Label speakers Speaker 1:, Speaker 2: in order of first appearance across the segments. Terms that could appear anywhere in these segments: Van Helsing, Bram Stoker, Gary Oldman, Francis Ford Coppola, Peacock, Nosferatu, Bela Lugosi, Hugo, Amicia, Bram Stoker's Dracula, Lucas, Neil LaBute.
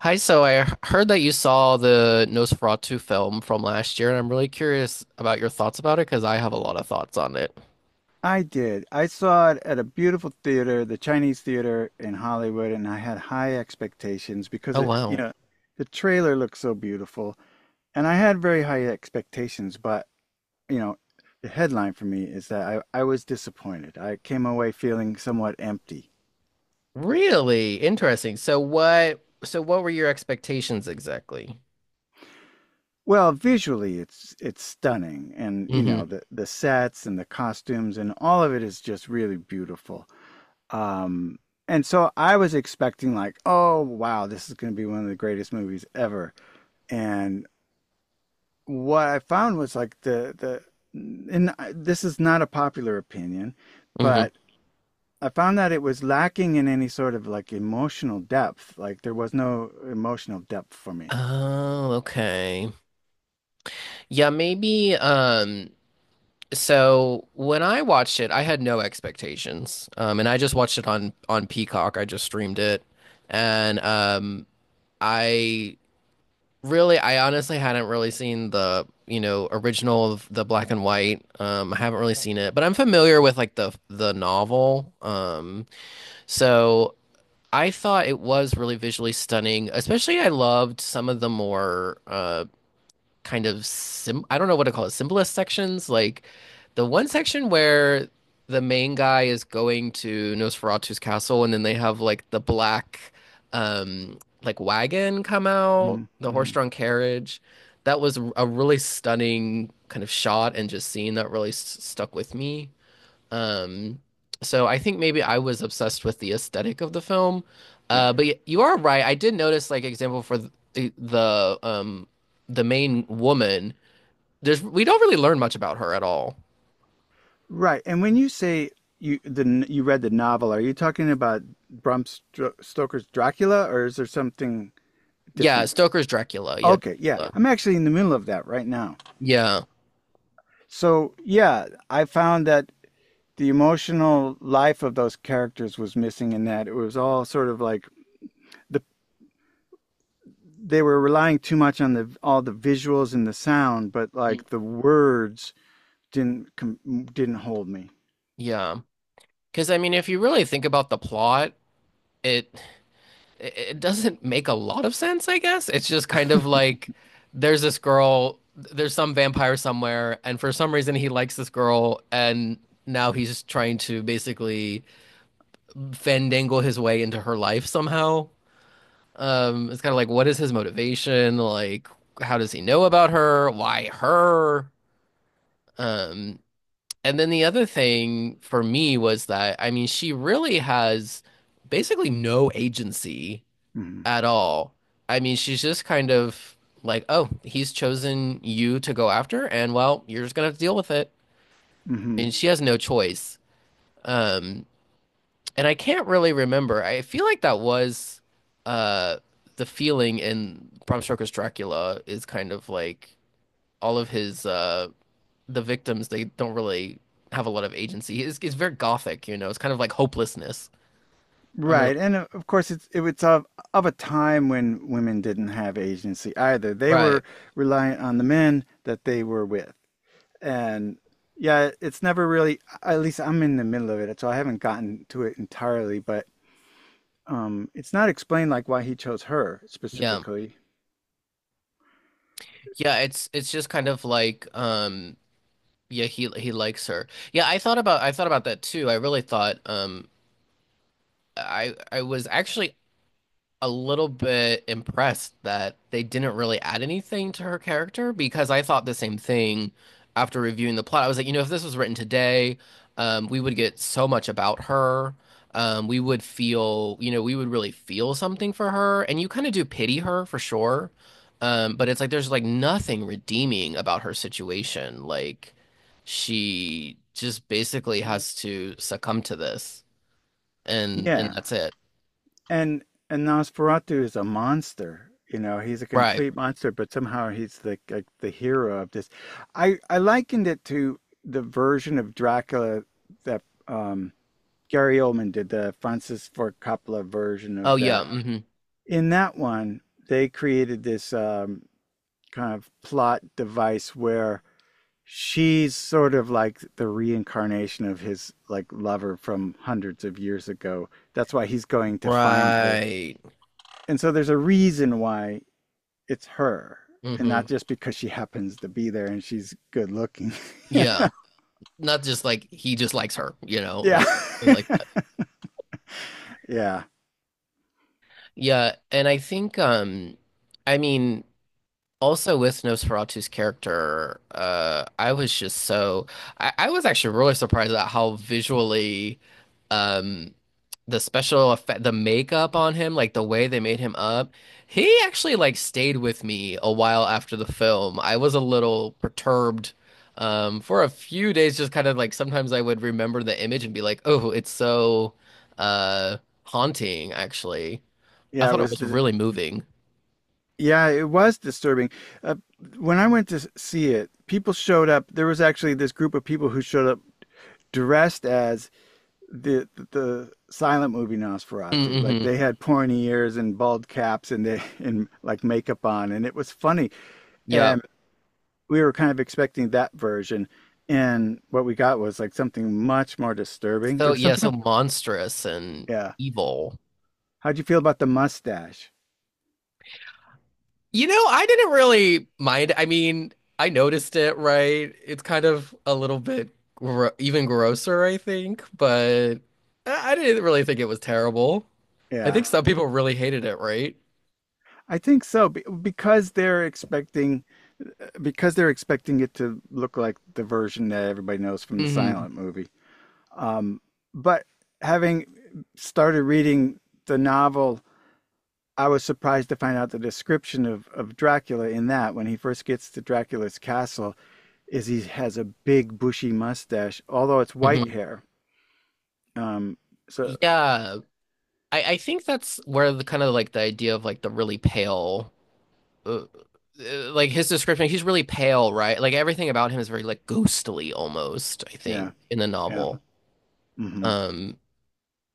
Speaker 1: Hi, so I heard that you saw the Nosferatu film from last year, and I'm really curious about your thoughts about it because I have a lot of thoughts on it.
Speaker 2: I did. I saw it at a beautiful theater, the Chinese Theater in Hollywood, and I had high expectations because
Speaker 1: Oh, wow.
Speaker 2: the trailer looked so beautiful, and I had very high expectations, but, you know, the headline for me is that I was disappointed. I came away feeling somewhat empty.
Speaker 1: Really interesting. So what were your expectations exactly?
Speaker 2: Well, visually it's stunning and,
Speaker 1: Hmm.
Speaker 2: the sets and the costumes and all of it is just really beautiful. Um, and so I was expecting like, oh wow, this is going to be one of the greatest movies ever. And what I found was like the and this is not a popular opinion,
Speaker 1: Hmm.
Speaker 2: but I found that it was lacking in any sort of like emotional depth. Like there was no emotional depth for me.
Speaker 1: Oh, okay. Yeah, maybe so when I watched it, I had no expectations. And I just watched it on Peacock. I just streamed it. And I Really, I honestly hadn't really seen the, you know, original of the black and white. I haven't really seen it, but I'm familiar with like the novel. So I thought it was really visually stunning. Especially, I loved some of the more, kind of sim I don't know what to call it, simplest sections. Like the one section where the main guy is going to Nosferatu's castle and then they have like the black like wagon come out,
Speaker 2: hmm
Speaker 1: the
Speaker 2: hmm
Speaker 1: horse-drawn carriage. That was a really stunning kind of shot and just scene that really s stuck with me. Um, so I think maybe I was obsessed with the aesthetic of the film.
Speaker 2: Yeah.
Speaker 1: But you are right. I did notice, like, example for the, the um the main woman. There's we don't really learn much about her at all.
Speaker 2: Right. And when you say you the you read the novel, are you talking about Bram Stoker's Dracula or is there something
Speaker 1: Yeah,
Speaker 2: different?
Speaker 1: Stoker's Dracula. Yeah.
Speaker 2: Okay, yeah.
Speaker 1: Uh,
Speaker 2: I'm actually in the middle of that right now.
Speaker 1: yeah,
Speaker 2: So, yeah, I found that the emotional life of those characters was missing in that. It was all sort of like the they were relying too much on the all the visuals and the sound, but like the words didn't hold me.
Speaker 1: yeah. Because I mean, if you really think about the plot, it it doesn't make a lot of sense, I guess. It's just kind of like there's this girl, there's some vampire somewhere, and for some reason he likes this girl, and now he's trying to basically fandangle his way into her life somehow. It's kind of like, what is his motivation? Like, how does he know about her? Why her? Um, and then the other thing for me was that, I mean, she really has basically no agency
Speaker 2: hmm
Speaker 1: at all. I mean, she's just kind of like, oh, he's chosen you to go after, and well, you're just gonna have to deal with it.
Speaker 2: hmm
Speaker 1: And she has no choice. Um, and I can't really remember. I feel like that was uh the feeling in Bram Stoker's Dracula is kind of like all of his the victims, they don't really have a lot of agency. It's very gothic, It's kind of like hopelessness. I'm not Yeah.
Speaker 2: Right, and of course it's of a time when women didn't have agency either. They
Speaker 1: Right.
Speaker 2: were reliant on the men that they were with. And yeah, it's never really, at least I'm in the middle of it, so I haven't gotten to it entirely, but it's not explained like why he chose her
Speaker 1: Yeah.
Speaker 2: specifically.
Speaker 1: Yeah, it's just kind of like yeah, he likes her. Yeah, I thought about that too. I really thought. I was actually a little bit impressed that they didn't really add anything to her character because I thought the same thing after reviewing the plot. I was like, you know, if this was written today, we would get so much about her. We would feel, you know, we would really feel something for her, and you kind of do pity her for sure. But it's like there's like nothing redeeming about her situation. Like she just basically has to succumb to this, and
Speaker 2: Yeah,
Speaker 1: that's it.
Speaker 2: and and Nosferatu is a monster. You know, he's a
Speaker 1: Right.
Speaker 2: complete monster, but somehow he's the like the hero of this. I likened it to the version of Dracula that um Gary Oldman did, the Francis Ford Coppola version
Speaker 1: Oh
Speaker 2: of that.
Speaker 1: yeah. Mhm.
Speaker 2: In that one, they created this kind of plot device where she's sort of like the reincarnation of his like lover from hundreds of years ago. That's why he's going to find her.
Speaker 1: Right.
Speaker 2: And so there's a reason why it's her and
Speaker 1: Hmm.
Speaker 2: not just because she happens to be there and she's good looking. Yeah.
Speaker 1: Yeah. Not just like he just likes her, you know, like thing like that.
Speaker 2: Yeah.
Speaker 1: Yeah, and I think I mean also with Nosferatu's character, I was just so I was actually really surprised at how visually um the special effect the makeup on him, like the way they made him up, he actually like stayed with me a while after the film. I was a little perturbed for a few days, just kind of like sometimes I would remember the image and be like, oh, it's so uh haunting actually. I
Speaker 2: Yeah, it
Speaker 1: thought it
Speaker 2: was
Speaker 1: was
Speaker 2: the—
Speaker 1: really moving.
Speaker 2: yeah, it was disturbing. Uh, when I went to see it, people showed up. There was actually this group of people who showed up dressed as the the silent movie Nosferatu. Like
Speaker 1: Mm-hmm.
Speaker 2: they had pointy ears and bald caps and they and like makeup on, and it was funny.
Speaker 1: Yeah.
Speaker 2: And we were kind of expecting that version, and what we got was like something much more disturbing. There
Speaker 1: So
Speaker 2: was
Speaker 1: yeah,
Speaker 2: something.
Speaker 1: so monstrous and
Speaker 2: Yeah.
Speaker 1: evil.
Speaker 2: How'd you feel about the mustache?
Speaker 1: You know, I didn't really mind. I mean, I noticed it, right? It's kind of a little bit gro even grosser, I think, but I didn't really think it was terrible. I
Speaker 2: Yeah.
Speaker 1: think some people really hated it, right?
Speaker 2: I think so because they're expecting— because they're expecting it to look like the version that everybody knows from the
Speaker 1: Hmm.
Speaker 2: silent movie. Um, but Having started reading the novel, I was surprised to find out the description of Dracula in that when he first gets to Dracula's castle is he has a big bushy mustache, although it's white
Speaker 1: Hmm.
Speaker 2: hair. Um, so
Speaker 1: Yeah, I think that's where the kind of like the idea of like the really pale, uh, like his description. He's really pale, right? Like everything about him is very like ghostly almost, I
Speaker 2: yeah,
Speaker 1: think, in the
Speaker 2: yeah,
Speaker 1: novel.
Speaker 2: hmm
Speaker 1: Um,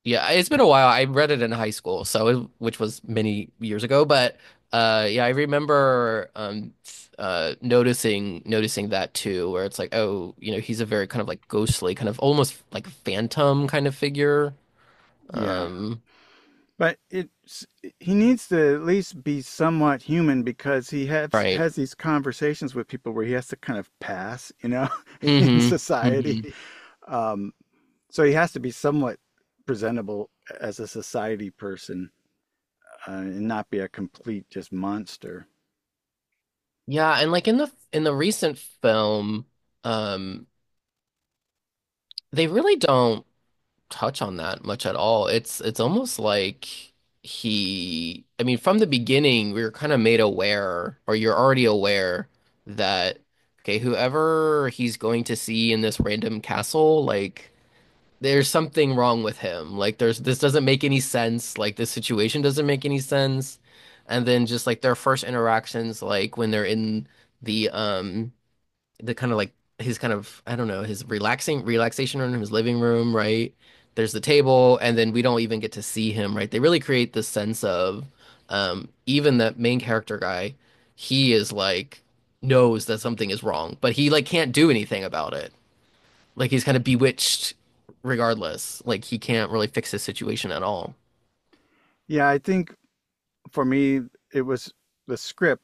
Speaker 1: yeah, it's been a while. I read it in high school, so it, which was many years ago, but yeah, I remember noticing that too, where it's like, oh, you know, he's a very kind of like ghostly, kind of almost like phantom kind of figure.
Speaker 2: yeah.
Speaker 1: Um,
Speaker 2: But it's— he needs to at least be somewhat human because he
Speaker 1: right.
Speaker 2: has these conversations with people where he has to kind of pass, you know, in
Speaker 1: Mm-hmm.
Speaker 2: society.
Speaker 1: Mm-hmm.
Speaker 2: Um, so he has to be somewhat presentable as a society person and not be a complete just monster.
Speaker 1: Yeah, and like in the recent film, um, they really don't touch on that much at all. It's almost like I mean, from the beginning, we were kind of made aware, or you're already aware that okay, whoever he's going to see in this random castle, like there's something wrong with him. Like there's this doesn't make any sense. Like this situation doesn't make any sense. And then just like their first interactions, like when they're in the um the kind of like his kind of I don't know his relaxing relaxation room, his living room, right? There's the table, and then we don't even get to see him, right? They really create this sense of even that main character guy, he is like knows that something is wrong, but he like can't do anything about it. Like he's kind of bewitched regardless. Like he can't really fix his situation at all.
Speaker 2: Yeah, I think for me it was the script,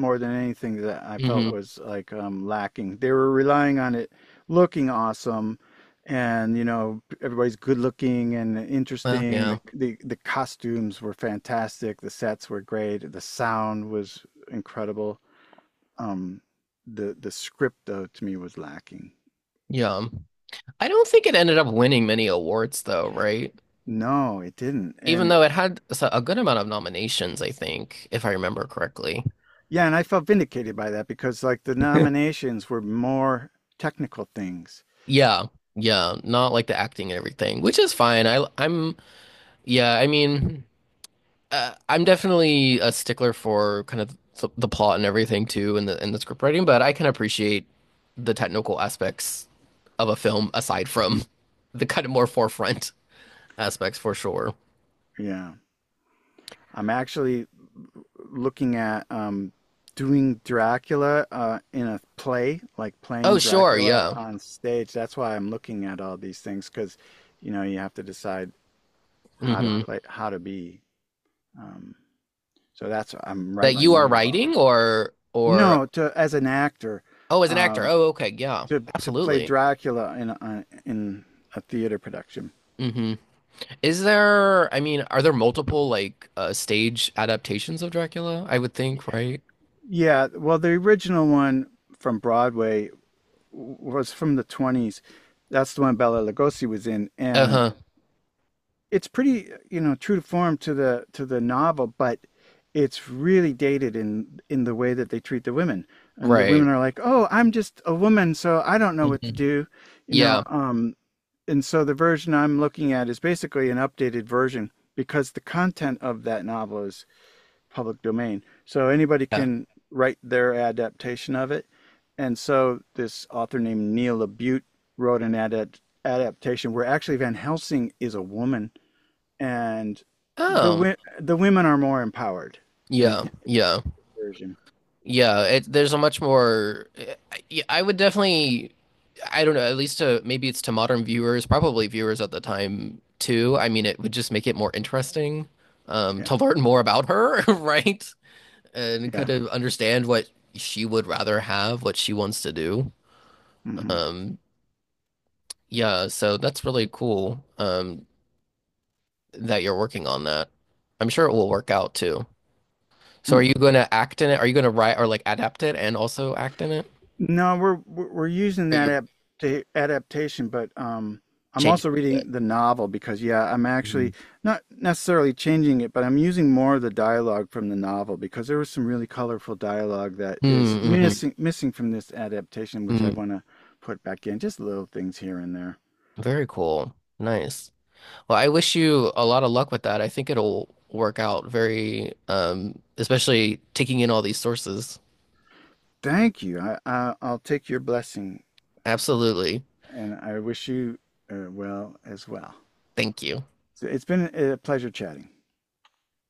Speaker 2: more than anything, that I felt
Speaker 1: Hmm.
Speaker 2: was like lacking. They were relying on it looking awesome, and you know everybody's good looking and
Speaker 1: Well,
Speaker 2: interesting.
Speaker 1: yeah.
Speaker 2: The costumes were fantastic. The sets were great. The sound was incredible. Um, the script though to me was lacking.
Speaker 1: Yeah. I don't think it ended up winning many awards though, right?
Speaker 2: No, it didn't.
Speaker 1: Even
Speaker 2: And
Speaker 1: though it had a good amount of nominations, I think, if I remember correctly.
Speaker 2: yeah, and I felt vindicated by that because like the nominations were more technical things.
Speaker 1: Yeah, yeah, not like the acting and everything, which is fine. I I'm yeah, I mean, I'm definitely a stickler for kind of the plot and everything too, and the script writing, but I can appreciate the technical aspects of a film aside from the kind of more forefront aspects for sure.
Speaker 2: Yeah. I'm actually looking at doing Dracula in a play, like
Speaker 1: Oh,
Speaker 2: playing
Speaker 1: sure,
Speaker 2: Dracula
Speaker 1: yeah.
Speaker 2: on stage. That's why I'm looking at all these things because, you know, you have to decide how to
Speaker 1: Hmm.
Speaker 2: play, how to be. Um, so that's— I'm right
Speaker 1: That
Speaker 2: in the
Speaker 1: you are
Speaker 2: middle of all that.
Speaker 1: writing or
Speaker 2: No, to— as an actor,
Speaker 1: oh, as an actor.
Speaker 2: um,
Speaker 1: Oh, okay, yeah,
Speaker 2: to play
Speaker 1: absolutely.
Speaker 2: Dracula in a theater production.
Speaker 1: Hmm. Is there, I mean, are there multiple like stage adaptations of Dracula? I would think, right?
Speaker 2: Yeah, well, the original one from Broadway was from the 20s. That's the one Bella Lugosi was in, and
Speaker 1: Uh-huh.
Speaker 2: it's pretty, you know, true to form to the novel, but it's really dated in the way that they treat the women. And the
Speaker 1: Right.
Speaker 2: women are like, "Oh, I'm just a woman, so I don't know what to
Speaker 1: Hmm.
Speaker 2: do," you know.
Speaker 1: Yeah.
Speaker 2: And so the version I'm looking at is basically an updated version because the content of that novel is public domain. So anybody
Speaker 1: Yeah.
Speaker 2: can write their adaptation of it. And so this author named Neil Labute wrote an adaptation where actually Van Helsing is a woman, and
Speaker 1: Um,
Speaker 2: the women are more empowered
Speaker 1: yeah,
Speaker 2: in
Speaker 1: yeah.
Speaker 2: version.
Speaker 1: Yeah, there's a much more yeah, I would definitely I don't know, at least to maybe it's to modern viewers, probably viewers at the time too. I mean, it would just make it more interesting
Speaker 2: Yeah,
Speaker 1: to learn more about her, right? And
Speaker 2: yeah.
Speaker 1: kind of understand what she would rather have, what she wants to do.
Speaker 2: hmm
Speaker 1: Um, Yeah, so that's really cool that you're working on that. I'm sure it will work out too. So are you going to act in it? Are you going to write or like adapt it and also act in it?
Speaker 2: No, we're using
Speaker 1: Or
Speaker 2: that
Speaker 1: you're
Speaker 2: adaptation, but I'm
Speaker 1: changing
Speaker 2: also
Speaker 1: it.
Speaker 2: reading the novel because yeah, I'm actually
Speaker 1: Mhm.
Speaker 2: not necessarily changing it, but I'm using more of the dialogue from the novel because there was some really colorful dialogue that is
Speaker 1: Mm-hmm.
Speaker 2: missing from this adaptation, which
Speaker 1: Mm,
Speaker 2: I want to put back in, just little things here and there.
Speaker 1: very cool. Nice. Well, I wish you a lot of luck with that. I think it'll work out very especially taking in all these sources.
Speaker 2: Thank you. I'll take your blessing,
Speaker 1: Absolutely.
Speaker 2: and I wish you well as well.
Speaker 1: Thank you.
Speaker 2: So it's been a pleasure chatting.